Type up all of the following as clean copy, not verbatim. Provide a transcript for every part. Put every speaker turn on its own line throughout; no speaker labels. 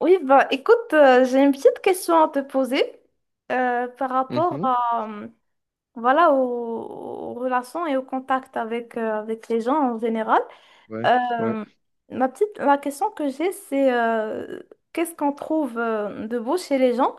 Oui, bah écoute, j'ai une petite question à te poser par rapport
Mhm.
à, voilà, aux relations et au contact avec les gens en général.
Ouais. Ouais,
Euh, la question que j'ai, c'est qu'est-ce qu'on trouve de beau chez les gens,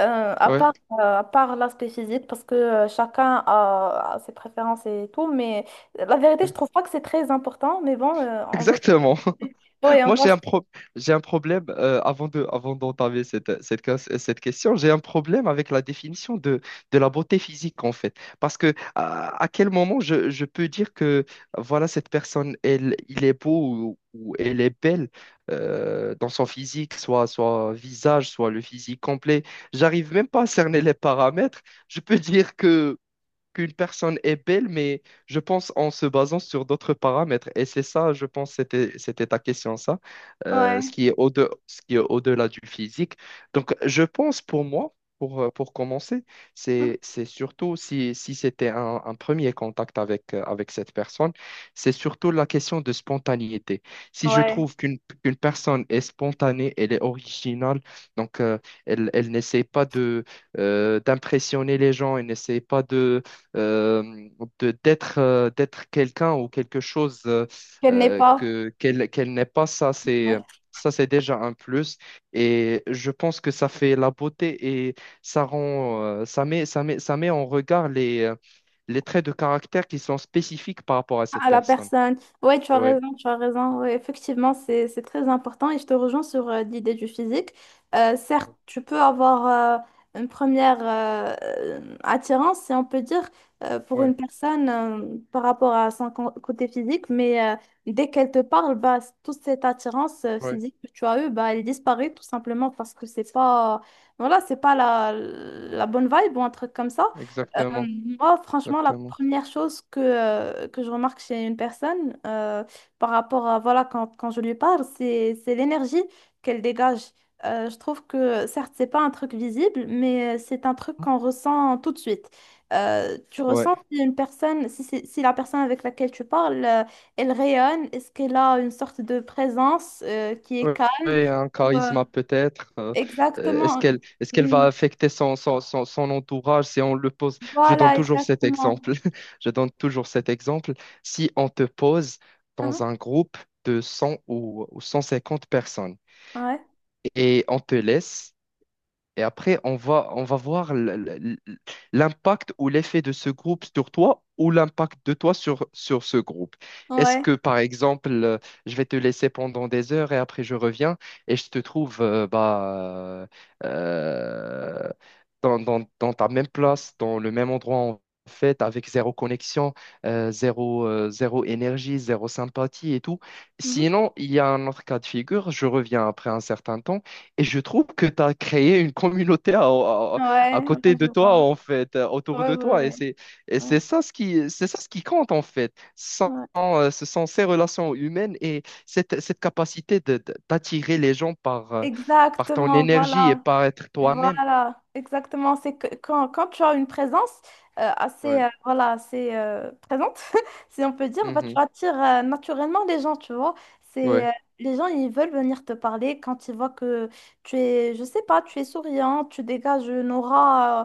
à
ouais,
part, à part l'aspect physique, parce que chacun a ses préférences et tout, mais la vérité, je trouve pas que c'est très important, mais bon, on va.
exactement.
Oui, on
Moi,
va.
j'ai un pro- J'ai un problème avant avant d'entamer cette question. J'ai un problème avec la définition de la beauté physique en fait, parce que à quel moment je peux dire que voilà cette personne, il est beau ou elle est belle dans son physique, soit visage, soit le physique complet. J'arrive même pas à cerner les paramètres. Je peux dire que Qu'une personne est belle, mais je pense en se basant sur d'autres paramètres. Et c'est ça, je pense, c'était ta question, ça.
Ouais.
Ce qui est au-delà du physique. Donc, je pense pour moi, pour commencer,
Mhm.
c'est surtout si, si c'était un premier contact avec cette personne, c'est surtout la question de spontanéité. Si je
Ouais.
trouve qu'une personne est spontanée, elle est originale, donc elle, elle n'essaie pas de, d'impressionner les gens, elle n'essaie pas de euh, d'être d'être quelqu'un ou quelque chose
Qu'elle n'est pas.
que qu'elle n'est pas.
Ouais.
Ça c'est déjà un plus. Et je pense que ça fait la beauté et ça rend ça met en regard les traits de caractère qui sont spécifiques par rapport à cette
À la
personne.
personne. Ouais, tu as
Ouais,
raison, tu as raison. Ouais, effectivement, c'est très important et je te rejoins sur l'idée du physique. Certes, tu peux avoir une première attirance, si on peut dire, pour
ouais,
une personne par rapport à son côté physique, mais dès qu'elle te parle, bah, toute cette attirance
ouais,
physique que tu as eue, bah, elle disparaît tout simplement parce que c'est pas, voilà, c'est pas la bonne vibe ou un truc comme ça. Euh,
exactement,
Moi, franchement, la
exactement.
première chose que je remarque chez une personne par rapport à, voilà, quand je lui parle, c'est l'énergie qu'elle dégage. Je trouve que, certes, c'est pas un truc visible, mais c'est un truc qu'on ressent tout de suite. Tu
Ouais.
ressens si une personne, si, c'est- si la personne avec laquelle tu parles, elle rayonne, est-ce qu'elle a une sorte de présence qui est calme?
Oui, un
euh,
charisme peut-être. Est-ce
exactement.
qu'elle va
Mm.
affecter son, son, son, son entourage si on le pose? Je donne
Voilà,
toujours cet
exactement.
exemple. Je donne toujours cet exemple. Si on te pose dans
Hein.
un groupe de 100 ou 150 personnes
Ouais.
et on te laisse et après, on va voir l'impact ou l'effet de ce groupe sur toi ou l'impact de toi sur ce groupe. Est-ce
Ouais.
que, par exemple, je vais te laisser pendant des heures et après je reviens et je te trouve euh, dans, dans ta même place, dans le même endroit en fait, avec zéro connexion, zéro, zéro énergie, zéro sympathie et tout.
Mhm.
Sinon, il y a un autre cas de figure, je reviens après un certain temps. Et je trouve que tu as créé une communauté à
Ouais,
côté
ouais, je
de toi,
vois.
en fait, autour
Ouais,
de
ouais,
toi.
ouais.
Et
Ouais,
c'est ça ce qui, c'est ça ce qui compte, en fait. Sans,
ouais.
ce sont ces relations humaines et cette, cette capacité d'attirer les gens par, par ton
Exactement,
énergie et
voilà.
par être toi-même.
Voilà, exactement. C'est que quand tu as une présence assez,
Ouais.
voilà, assez présente, si on peut dire, bah, tu
Mhm.
attires naturellement les gens, tu vois. C'est,
Ouais.
euh, les gens, ils veulent venir te parler quand ils voient que tu es, je sais pas, tu es souriant, tu dégages une aura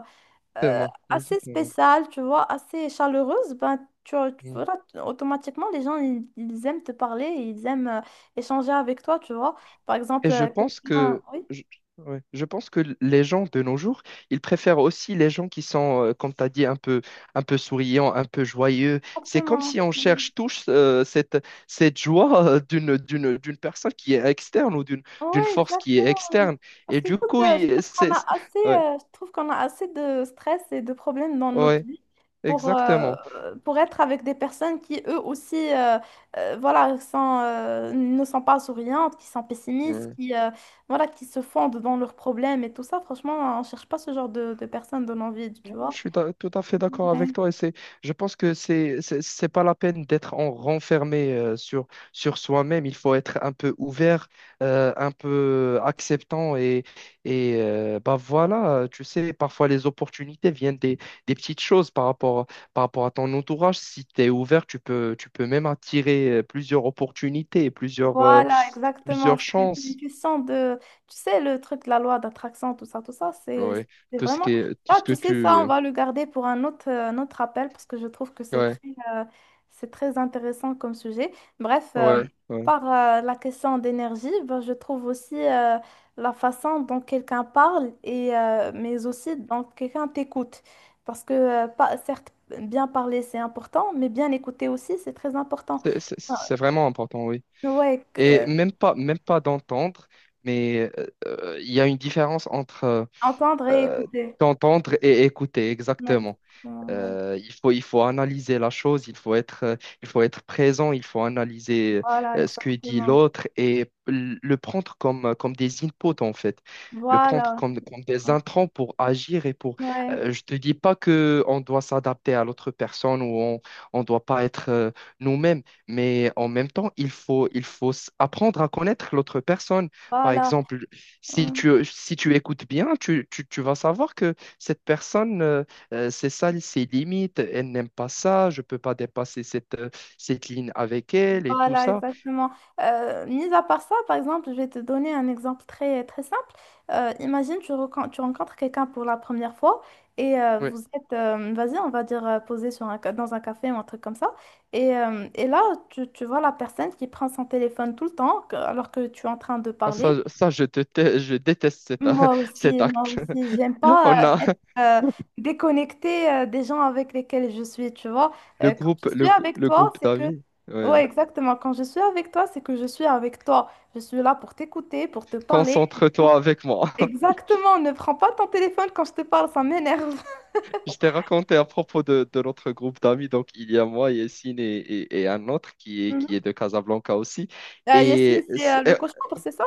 euh,
Exactement.
assez
Exactement.
spéciale, tu vois, assez chaleureuse, ben, tu, tu-
Mmh.
voilà, tu- automatiquement, les gens, ils aiment te parler, ils aiment échanger avec toi, tu vois. Par exemple,
Et je pense
quelqu'un. Oui,
je, ouais, je pense que les gens de nos jours, ils préfèrent aussi les gens qui sont, comme tu as dit, un peu souriants, un peu joyeux. C'est comme
exactement.
si on cherche tous cette joie d'une personne qui est externe ou d'une, d'une
Ouais,
force qui est
exactement.
externe.
Parce
Et du
qu'écoute,
coup, il- c'est, c'est- ouais,
je trouve qu'on a assez de stress et de problèmes dans notre
ouais,
vie pour, euh,
exactement.
pour être avec des personnes qui, eux aussi, voilà, ne sont pas souriantes, qui sont pessimistes, voilà, qui se fondent dans leurs problèmes et tout ça. Franchement, on cherche pas ce genre de personnes dans nos vies,
Ouais.
tu vois.
Tout à fait d'accord avec
Ouais.
toi et je pense que c'est pas la peine d'être en renfermé sur, sur soi-même. Il faut être un peu ouvert, un peu acceptant et, bah voilà, tu sais, parfois les opportunités viennent des petites choses par rapport à ton entourage. Si tu es ouvert, tu peux même attirer plusieurs opportunités, plusieurs,
Voilà, exactement.
plusieurs
C'est une
chances.
question de, tu sais, le truc de la loi d'attraction, tout ça, c'est
Ouais,
c'est
tout ce
vraiment.
qui est, tout
Ah,
ce que
tu sais, ça,
tu.
on va le garder pour un autre appel parce que je trouve que
Ouais,
euh, c'est très intéressant comme sujet. Bref,
ouais. Ouais.
par la question d'énergie, ben, je trouve aussi la façon dont quelqu'un parle, et, mais aussi dont quelqu'un t'écoute. Parce que, pas, certes, bien parler, c'est important, mais bien écouter aussi, c'est très important.
C'est
Ah.
c'est vraiment important, oui.
Ouais.
Et même pas d'entendre, mais il y a une différence entre
Entendre et
euh,
écouter.
d'entendre et écouter,
Ouais,
exactement.
exactement, ouais.
Il faut analyser la chose, il faut être présent, il faut analyser
Voilà,
ce que dit
exactement.
l'autre et le prendre comme, comme des inputs en fait, le prendre
Voilà.
comme, comme des
Exactement.
intrants pour agir et pour.
Ouais,
Je te dis pas que on doit s'adapter à l'autre personne ou on doit pas être nous-mêmes, mais en même temps apprendre à connaître l'autre personne. Par
voilà.
exemple,
Hum.
si tu écoutes bien, tu vas savoir que cette personne c'est ça ses limites, elle n'aime pas ça, je peux pas dépasser cette, cette ligne avec elle et tout
Voilà,
ça.
exactement. Mis à part ça, par exemple, je vais te donner un exemple très, très simple. Imagine, tu rencontres quelqu'un pour la première fois et
Oui,
vous êtes, vas-y, on va dire, posé sur dans un café ou un truc comme ça. Et là, tu vois la personne qui prend son téléphone tout le temps alors que tu es en train de
ça,
parler.
je déteste cet
Moi
acte.
aussi, j'aime
On
pas
a
être déconnectée des gens avec lesquels je suis, tu vois.
le
Quand
groupe,
je suis avec
le
toi,
groupe
c'est que.
d'amis.
Ouais,
Ouais.
exactement. Quand je suis avec toi, c'est que je suis avec toi. Je suis là pour t'écouter, pour te parler.
Concentre-toi avec moi.
Exactement, ne prends pas ton téléphone quand je te parle, ça m'énerve.
Je t'ai raconté à propos de notre groupe d'amis. Donc, il y a moi, Yessine et un autre qui
Mhm.
est de Casablanca aussi.
Yacine,
Et,
c'est le cauchemar, c'est ça?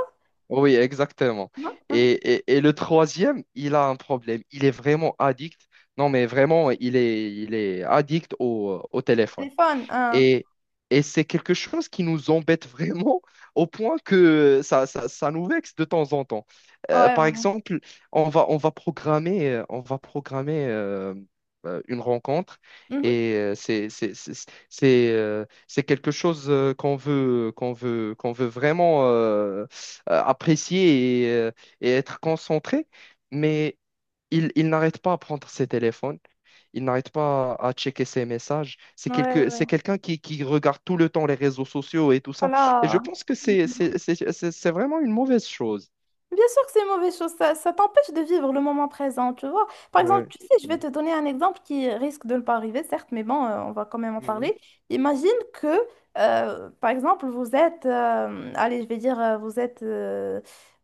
oui, exactement.
Non? Mhm.
Et le troisième, il a un problème. Il est vraiment addict. Non, mais vraiment, il est addict au, au téléphone.
Téléphone, hein.
Et, et c'est quelque chose qui nous embête vraiment au point que ça nous vexe de temps en temps.
Ouais,
Par
ouais.
exemple, on va programmer une rencontre
Mhm.
et c'est quelque chose qu'on veut vraiment apprécier et être concentré, mais il n'arrête pas à prendre ses téléphones. Il n'arrête pas à checker ses messages.
Ouais, ouais.
C'est quelqu'un qui regarde tout le temps les réseaux sociaux et tout ça. Et je
Voilà.
pense que c'est vraiment une mauvaise chose.
Bien sûr que c'est une mauvaise chose, ça t'empêche de vivre le moment présent, tu vois. Par exemple,
Ouais.
tu sais, je vais te donner un exemple qui risque de ne pas arriver, certes, mais bon, on va quand même en
Mhm.
parler. Imagine que, par exemple, vous êtes, allez, je vais dire, vous êtes euh,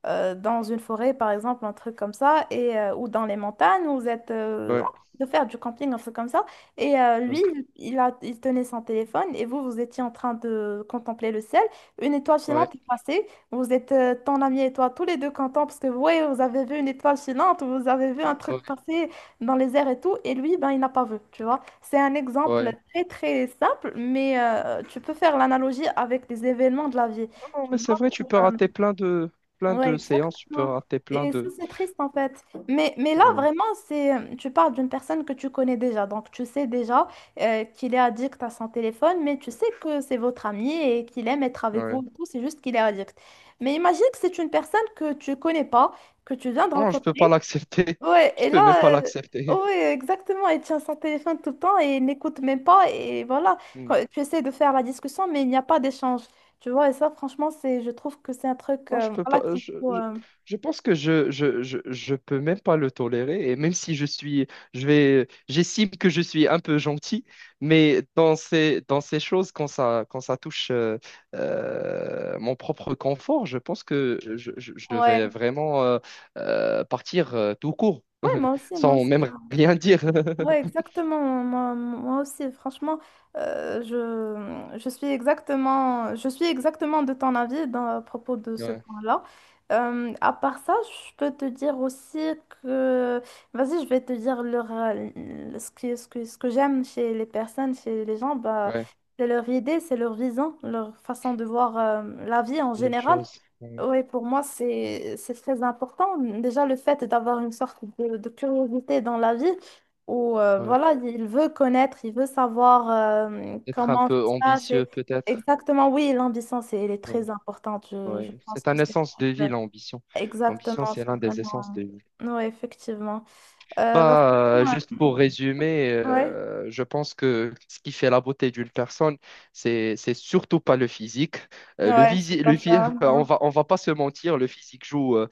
euh, dans une forêt, par exemple, un truc comme ça, et, ou dans les montagnes, vous êtes en
Ouais.
train de faire du camping, un truc comme ça, et lui,
Ouais.
il, il tenait son téléphone, et vous, vous étiez en train de contempler le ciel, une étoile
Ouais.
filante est passée. Vous êtes ton ami et toi, tous les deux contents parce que ouais, vous avez vu une étoile filante, vous avez vu un truc
Ouais.
passer dans les airs et tout, et lui, ben, il n'a pas vu, tu vois. C'est un exemple
Ouais.
très très simple, mais tu peux faire l'analogie avec des événements de la vie.
Non, non,
Tu
mais c'est vrai, tu peux
vois.
rater plein
Ouais,
de séances, tu peux
exactement.
rater plein
Et ça,
de.
c'est triste en fait. Mais là,
Ouais.
vraiment, tu parles d'une personne que tu connais déjà. Donc, tu sais déjà qu'il est addict à son téléphone, mais tu sais que c'est votre ami et qu'il aime être avec vous
Ouais.
et tout. C'est juste qu'il est addict. Mais imagine que c'est une personne que tu connais pas, que tu viens de
Non, je peux pas
rencontrer.
l'accepter.
Ouais,
Je
et
peux même pas
là,
l'accepter.
ouais, exactement, il tient son téléphone tout le temps et il n'écoute même pas. Et voilà, quand tu essaies de faire la discussion, mais il n'y a pas d'échange. Tu vois, et ça, franchement, je trouve que c'est un truc,
Non, je peux
voilà,
pas.
qui faut, euh,
Je pense que je peux même pas le tolérer. Et même si je vais, j'estime que je suis un peu gentil, mais dans ces choses, quand ça touche mon propre confort, je pense que je
ouais,
vais vraiment partir tout court,
ouais, moi aussi, moi
sans
aussi.
même rien dire.
Ouais, exactement. Moi, moi aussi, franchement, je suis exactement de ton avis à propos de ce
Ouais,
point-là. À part ça, je peux te dire aussi que, vas-y, je vais te dire ce que j'aime chez les personnes, chez les gens, bah,
ouais,
c'est leur idée, c'est leur vision, leur façon de voir, la vie en
les
général.
choses. Ouais,
Oui, pour moi, c'est très important. Déjà, le fait d'avoir une sorte de curiosité dans la vie où
ouais.
voilà, il veut connaître, il veut savoir
Être un
comment
peu
ça se passe.
ambitieux, peut-être.
Exactement, oui, l'ambition, elle est
Ouais.
très importante. Je
Ouais,
pense
c'est
que
un
c'est le
essence de
truc,
vie, l'ambition. L'ambition,
exactement,
c'est l'un
c'est
des essences
vraiment.
de vie.
Oui, effectivement. Bah,
Bah,
franchement,
juste pour résumer,
ouais,
je pense que ce qui fait la beauté d'une personne, c'est surtout pas le physique. Le
ouais, c'est
visi- le
pas
phy-
ça.
On
Non.
va pas se mentir, le physique joue euh,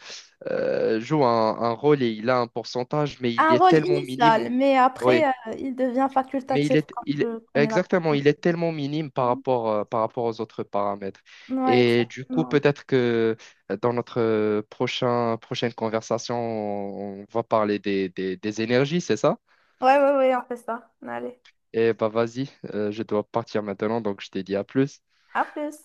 euh, joue un rôle et il a un pourcentage, mais il
Un
est
rôle
tellement minime.
initial, mais
Ouais.
après, il devient
Mais il
facultatif
est,
quand
il,
tu connais la
exactement, il est tellement minime
personne.
par rapport aux autres paramètres.
Ouais,
Et du coup,
exactement.
peut-être que dans notre prochaine conversation, on va parler des énergies, c'est ça?
Ouais, ouais, ouais, on fait ça. Allez,
Et bah vas-y, je dois partir maintenant, donc je te dis à plus.
à plus.